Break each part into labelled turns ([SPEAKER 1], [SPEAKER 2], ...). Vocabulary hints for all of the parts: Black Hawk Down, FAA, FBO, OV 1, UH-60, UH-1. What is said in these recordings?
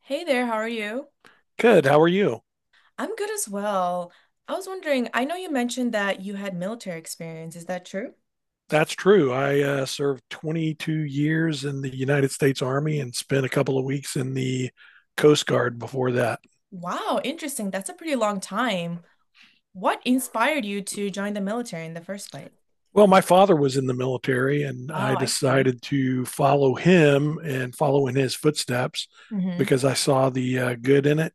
[SPEAKER 1] Hey there, how are you?
[SPEAKER 2] Good. How are you?
[SPEAKER 1] I'm good as well. I was wondering, I know you mentioned that you had military experience. Is that true?
[SPEAKER 2] That's true. I served 22 years in the United States Army and spent a couple of weeks in the Coast Guard before that.
[SPEAKER 1] Wow, interesting. That's a pretty long time. What inspired you to join the military in the first place?
[SPEAKER 2] Well, my father was in the military, and
[SPEAKER 1] Oh,
[SPEAKER 2] I
[SPEAKER 1] I see.
[SPEAKER 2] decided to follow him and follow in his footsteps
[SPEAKER 1] Mm-hmm.
[SPEAKER 2] because I saw the good in it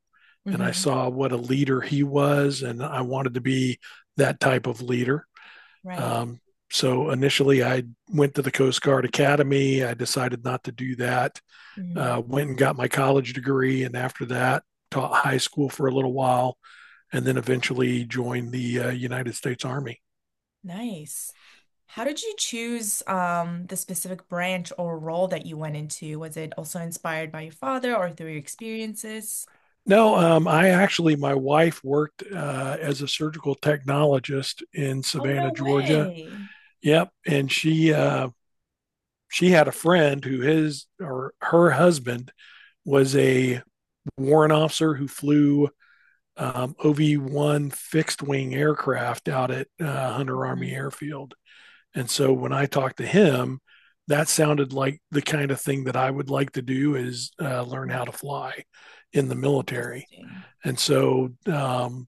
[SPEAKER 2] and I
[SPEAKER 1] Mm-hmm.
[SPEAKER 2] saw what a leader he was, and I wanted to be that type of leader.
[SPEAKER 1] Right.
[SPEAKER 2] Um, so initially, I went to the Coast Guard Academy. I decided not to do that
[SPEAKER 1] Mm-hmm.
[SPEAKER 2] uh, Went and got my college degree, and after that, taught high school for a little while, and then eventually joined the United States Army.
[SPEAKER 1] Nice. How did you choose the specific branch or role that you went into? Was it also inspired by your father or through your experiences?
[SPEAKER 2] No, I actually, my wife worked as a surgical technologist in
[SPEAKER 1] Oh,
[SPEAKER 2] Savannah,
[SPEAKER 1] no
[SPEAKER 2] Georgia.
[SPEAKER 1] way.
[SPEAKER 2] Yep, and she had a friend who his or her husband was a warrant officer who flew OV 1 fixed wing aircraft out at Hunter Army
[SPEAKER 1] Mhm.
[SPEAKER 2] Airfield. And so when I talked to him, that sounded like the kind of thing that I would like to do is learn how to fly in the military.
[SPEAKER 1] Interesting.
[SPEAKER 2] And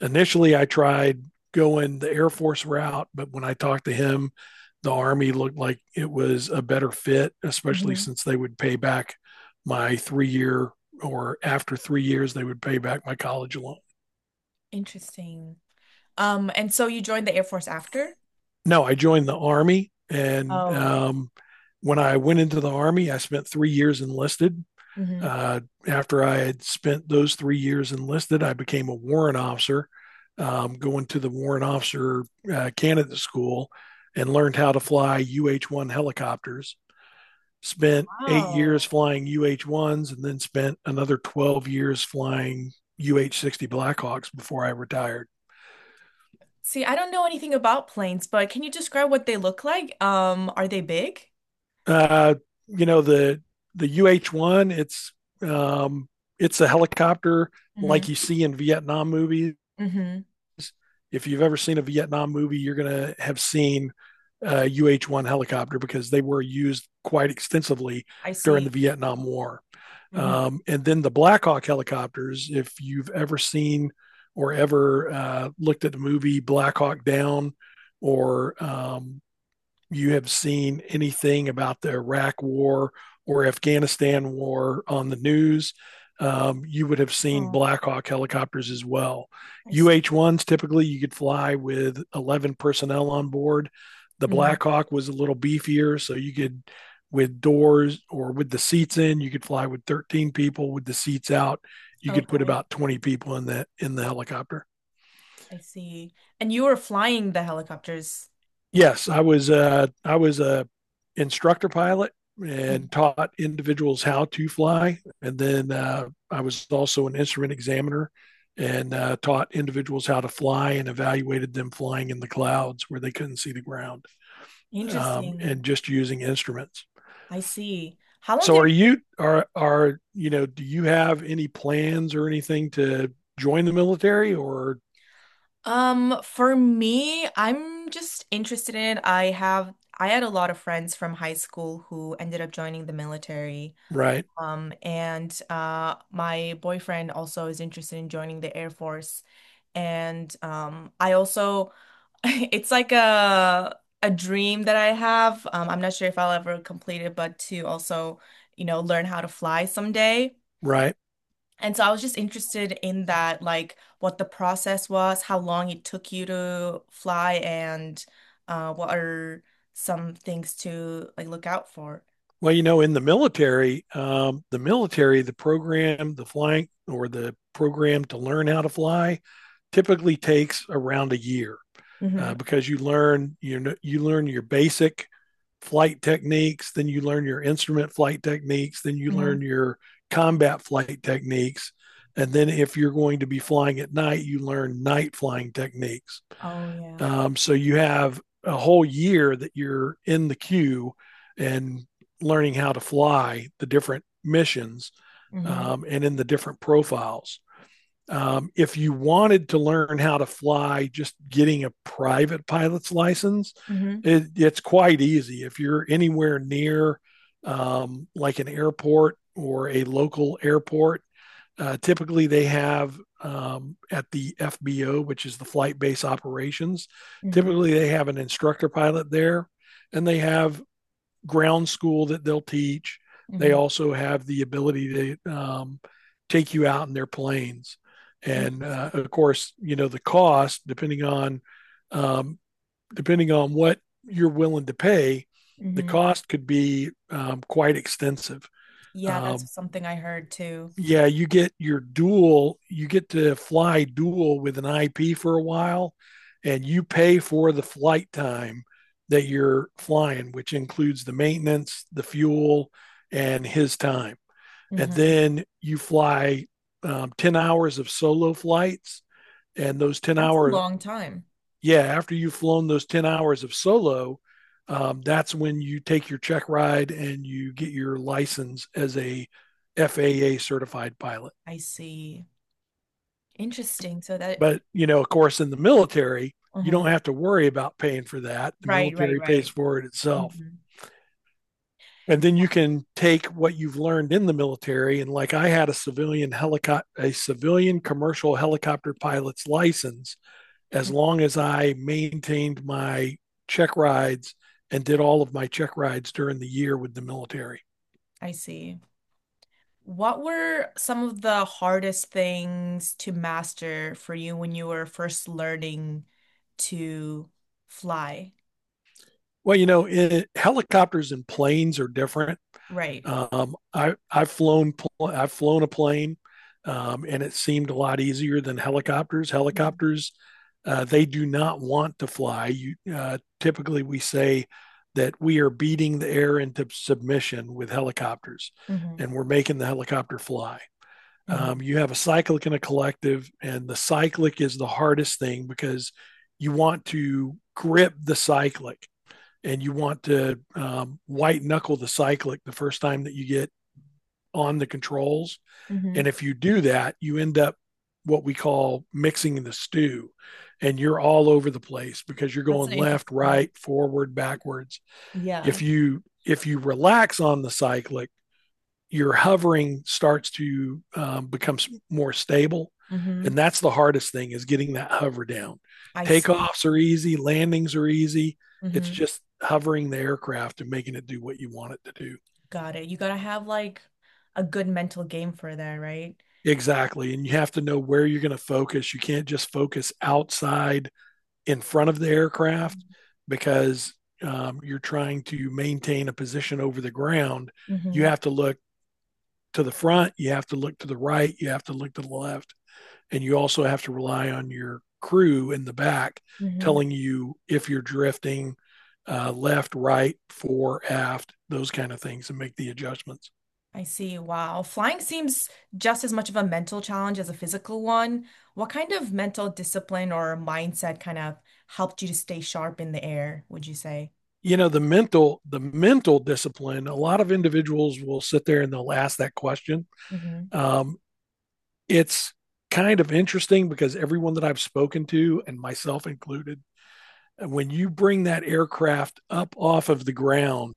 [SPEAKER 2] initially I tried going the Air Force route, but when I talked to him, the Army looked like it was a better fit, especially
[SPEAKER 1] Hmm.
[SPEAKER 2] since they would pay back my three year or after 3 years, they would pay back my college loan.
[SPEAKER 1] Interesting. And so you joined the Air Force after?
[SPEAKER 2] No, I joined the army, and
[SPEAKER 1] Oh, right.
[SPEAKER 2] when I went into the army, I spent 3 years enlisted.
[SPEAKER 1] Hmm.
[SPEAKER 2] Uh, After I had spent those 3 years enlisted, I became a warrant officer, going to the warrant officer candidate school, and learned how to fly UH-1 helicopters. Spent 8 years
[SPEAKER 1] Wow.
[SPEAKER 2] flying UH-1s, and then spent another 12 years flying UH-60 Blackhawks before I retired.
[SPEAKER 1] See, I don't know anything about planes, but can you describe what they look like? Are they big?
[SPEAKER 2] Uh, you know the UH-1. Um, it's a helicopter
[SPEAKER 1] Hmm.
[SPEAKER 2] like you see in Vietnam movies.
[SPEAKER 1] Mm-hmm.
[SPEAKER 2] If you've ever seen a Vietnam movie, you're gonna have seen a UH-1 helicopter because they were used quite extensively
[SPEAKER 1] I
[SPEAKER 2] during the
[SPEAKER 1] see.
[SPEAKER 2] Vietnam War.
[SPEAKER 1] Mm-hmm.
[SPEAKER 2] And then the Black Hawk helicopters. If you've ever seen or ever looked at the movie Black Hawk Down or you have seen anything about the Iraq war or Afghanistan war on the news, you would have seen
[SPEAKER 1] Oh,
[SPEAKER 2] Black Hawk helicopters as well.
[SPEAKER 1] I see.
[SPEAKER 2] UH 1s, typically, you could fly with 11 personnel on board. The
[SPEAKER 1] Mm-hmm.
[SPEAKER 2] Black Hawk was a little beefier, so you could, with doors or with the seats in, you could fly with 13 people. With the seats out, you could put
[SPEAKER 1] Okay,
[SPEAKER 2] about 20 people in the helicopter.
[SPEAKER 1] I see. And you were flying the helicopters.
[SPEAKER 2] Yes, I was a instructor pilot
[SPEAKER 1] Mhm.
[SPEAKER 2] and taught individuals how to fly, and then I was also an instrument examiner and taught individuals how to fly and evaluated them flying in the clouds where they couldn't see the ground
[SPEAKER 1] Interesting.
[SPEAKER 2] and just using instruments.
[SPEAKER 1] I see. How long
[SPEAKER 2] So,
[SPEAKER 1] did it—
[SPEAKER 2] are you know? Do you have any plans or anything to join the military or
[SPEAKER 1] um, for me, I'm just interested in I had a lot of friends from high school who ended up joining the military.
[SPEAKER 2] right?
[SPEAKER 1] And my boyfriend also is interested in joining the Air Force. And I also it's like a dream that I have. I'm not sure if I'll ever complete it, but to also, learn how to fly someday.
[SPEAKER 2] Right.
[SPEAKER 1] And so I was just interested in that, like what the process was, how long it took you to fly, and what are some things to like look out for.
[SPEAKER 2] Well, you know, in the military, the program, the flying or the program to learn how to fly typically takes around a year
[SPEAKER 1] Mm-hmm.
[SPEAKER 2] because you learn your basic flight techniques, then you learn your instrument flight techniques, then you
[SPEAKER 1] Mm-hmm.
[SPEAKER 2] learn your combat flight techniques, and then if you're going to be flying at night, you learn night flying techniques.
[SPEAKER 1] Oh yeah.
[SPEAKER 2] So you have a whole year that you're in the queue and learning how to fly the different missions
[SPEAKER 1] Mm-hmm.
[SPEAKER 2] and in the different profiles. If you wanted to learn how to fly, just getting a private pilot's license,
[SPEAKER 1] Mm-hmm.
[SPEAKER 2] it's quite easy. If you're anywhere near like an airport or a local airport, typically, they have at the FBO, which is the flight base operations,
[SPEAKER 1] Mm-hmm.
[SPEAKER 2] typically they have an instructor pilot there and they have ground school that they'll teach. They
[SPEAKER 1] Mm-hmm.
[SPEAKER 2] also have the ability to take you out in their planes. And
[SPEAKER 1] Interesting.
[SPEAKER 2] of course, you know, the cost, depending on, um, depending on what you're willing to pay, the
[SPEAKER 1] Mm-hmm.
[SPEAKER 2] cost could be quite extensive.
[SPEAKER 1] Yeah,
[SPEAKER 2] Um,
[SPEAKER 1] that's something I heard too.
[SPEAKER 2] yeah, you get your dual, you get to fly dual with an IP for a while, and you pay for the flight time that you're flying, which includes the maintenance, the fuel, and his time. And
[SPEAKER 1] Mm-hmm.
[SPEAKER 2] then you fly 10 hours of solo flights. And those 10
[SPEAKER 1] That's a
[SPEAKER 2] hours,
[SPEAKER 1] long time.
[SPEAKER 2] yeah, after you've flown those 10 hours of solo, that's when you take your check ride and you get your license as a FAA certified pilot.
[SPEAKER 1] I see. Interesting. So that,
[SPEAKER 2] But, you know, of course, in the military, you
[SPEAKER 1] uh,
[SPEAKER 2] don't have to worry about paying for that. The
[SPEAKER 1] right, right,
[SPEAKER 2] military pays
[SPEAKER 1] right.
[SPEAKER 2] for it itself.
[SPEAKER 1] Mm.
[SPEAKER 2] And then you can take what you've learned in the military. And like I had a civilian helicopter, a civilian commercial helicopter pilot's license, as long
[SPEAKER 1] Mhm.
[SPEAKER 2] as I maintained my check rides and did all of my check rides during the year with the military.
[SPEAKER 1] I see. What were some of the hardest things to master for you when you were first learning to fly?
[SPEAKER 2] Well, you know, it, helicopters and planes are different.
[SPEAKER 1] Right.
[SPEAKER 2] Um, I I've flown I've flown a plane, and it seemed a lot easier than helicopters. Helicopters, they do not want to fly. You Typically we say that we are beating the air into submission with helicopters,
[SPEAKER 1] Mm-hmm.
[SPEAKER 2] and we're making the helicopter fly.
[SPEAKER 1] Hmm.
[SPEAKER 2] You have a cyclic and a collective, and the cyclic is the hardest thing because you want to grip the cyclic and you want to white knuckle the cyclic the first time that you get on the controls.
[SPEAKER 1] Hmm.
[SPEAKER 2] And if you do that, you end up what we call mixing the stew and you're all over the place because you're
[SPEAKER 1] That's an
[SPEAKER 2] going left,
[SPEAKER 1] interesting.
[SPEAKER 2] right, forward, backwards.
[SPEAKER 1] Yeah.
[SPEAKER 2] If you relax on the cyclic, your hovering starts to become more stable,
[SPEAKER 1] Hmm.
[SPEAKER 2] and that's the hardest thing is getting that hover down.
[SPEAKER 1] I see.
[SPEAKER 2] Takeoffs are easy, landings are easy. It's
[SPEAKER 1] Hmm.
[SPEAKER 2] just hovering the aircraft and making it do what you want it to do.
[SPEAKER 1] Got it. You gotta have like a good mental game for that, right?
[SPEAKER 2] Exactly. And you have to know where you're going to focus. You can't just focus outside in front of the aircraft because you're trying to maintain a position over the ground. You
[SPEAKER 1] Hmm.
[SPEAKER 2] have to look to the front, you have to look to the right, you have to look to the left, and you also have to rely on your crew in the back
[SPEAKER 1] Hmm.
[SPEAKER 2] telling you if you're drifting left, right, fore, aft, those kind of things, and make the adjustments.
[SPEAKER 1] I see. Wow. Flying seems just as much of a mental challenge as a physical one. What kind of mental discipline or mindset kind of helped you to stay sharp in the air, would you say?
[SPEAKER 2] You know the mental discipline, a lot of individuals will sit there and they'll ask that question
[SPEAKER 1] Mm-hmm.
[SPEAKER 2] um, it's kind of interesting because everyone that I've spoken to and myself included, when you bring that aircraft up off of the ground,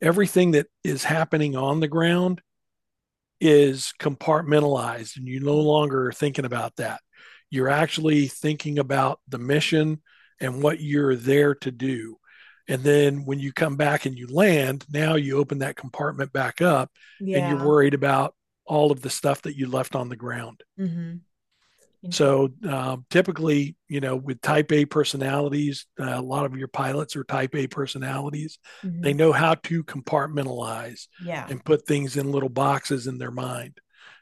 [SPEAKER 2] everything that is happening on the ground is compartmentalized and you no longer are thinking about that. You're actually thinking about the mission and what you're there to do. And then when you come back and you land, now you open that compartment back up and you're
[SPEAKER 1] Yeah.
[SPEAKER 2] worried about all of the stuff that you left on the ground.
[SPEAKER 1] Mm-hmm. Interesting.
[SPEAKER 2] So typically, you know, with type A personalities, a lot of your pilots are type A personalities.
[SPEAKER 1] Mm-hmm.
[SPEAKER 2] They know how to compartmentalize
[SPEAKER 1] Yeah.
[SPEAKER 2] and put things in little boxes in their mind.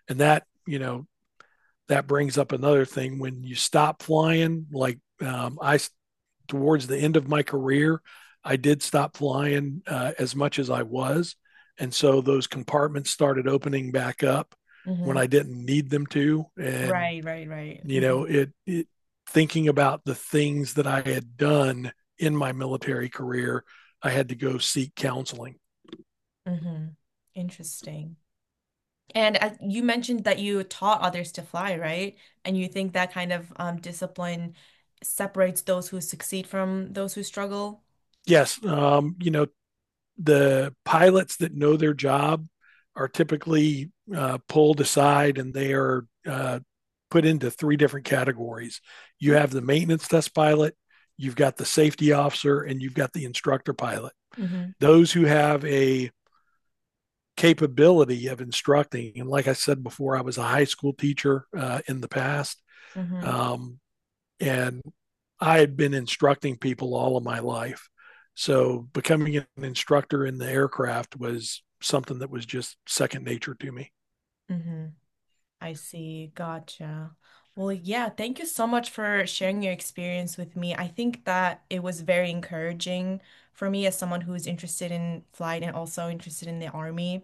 [SPEAKER 2] And that, you know, that brings up another thing when you stop flying, like towards the end of my career, I did stop flying as much as I was. And so those compartments started opening back up when
[SPEAKER 1] Mm-hmm.
[SPEAKER 2] I didn't need them to. And
[SPEAKER 1] Right, right, right.
[SPEAKER 2] you
[SPEAKER 1] Mm-hmm.
[SPEAKER 2] know it, it thinking about the things that I had done in my military career, I had to go seek counseling.
[SPEAKER 1] Mm-hmm. Interesting. And you mentioned that you taught others to fly, right? And you think that kind of discipline separates those who succeed from those who struggle?
[SPEAKER 2] Yes, you know, the pilots that know their job are typically pulled aside and they are put into three different categories. You have
[SPEAKER 1] Interesting.
[SPEAKER 2] the maintenance test pilot, you've got the safety officer, and you've got the instructor pilot.
[SPEAKER 1] Mm-hmm.
[SPEAKER 2] Those who have a capability of instructing, and like I said before, I was a high school teacher in the past.
[SPEAKER 1] Mm-hmm.
[SPEAKER 2] Um, and I had been instructing people all of my life. So becoming an instructor in the aircraft was something that was just second nature to me.
[SPEAKER 1] Mm-hmm. I see. Gotcha. Well, yeah, thank you so much for sharing your experience with me. I think that it was very encouraging for me as someone who is interested in flight and also interested in the army.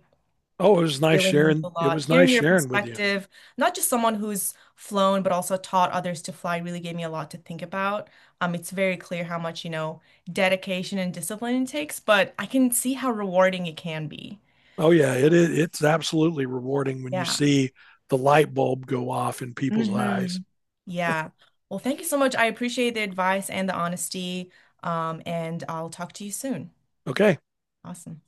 [SPEAKER 2] Oh, it was nice
[SPEAKER 1] Really means a
[SPEAKER 2] sharing. It
[SPEAKER 1] lot.
[SPEAKER 2] was
[SPEAKER 1] Hearing
[SPEAKER 2] nice
[SPEAKER 1] your
[SPEAKER 2] sharing with you.
[SPEAKER 1] perspective, not just someone who's flown, but also taught others to fly, really gave me a lot to think about. It's very clear how much, you know, dedication and discipline it takes, but I can see how rewarding it can be.
[SPEAKER 2] Oh yeah, it is. It's absolutely rewarding when you
[SPEAKER 1] Yeah.
[SPEAKER 2] see the light bulb go off in people's
[SPEAKER 1] Hmm.
[SPEAKER 2] eyes.
[SPEAKER 1] Yeah. Well, thank you so much. I appreciate the advice and the honesty. And I'll talk to you soon.
[SPEAKER 2] Okay,
[SPEAKER 1] Awesome.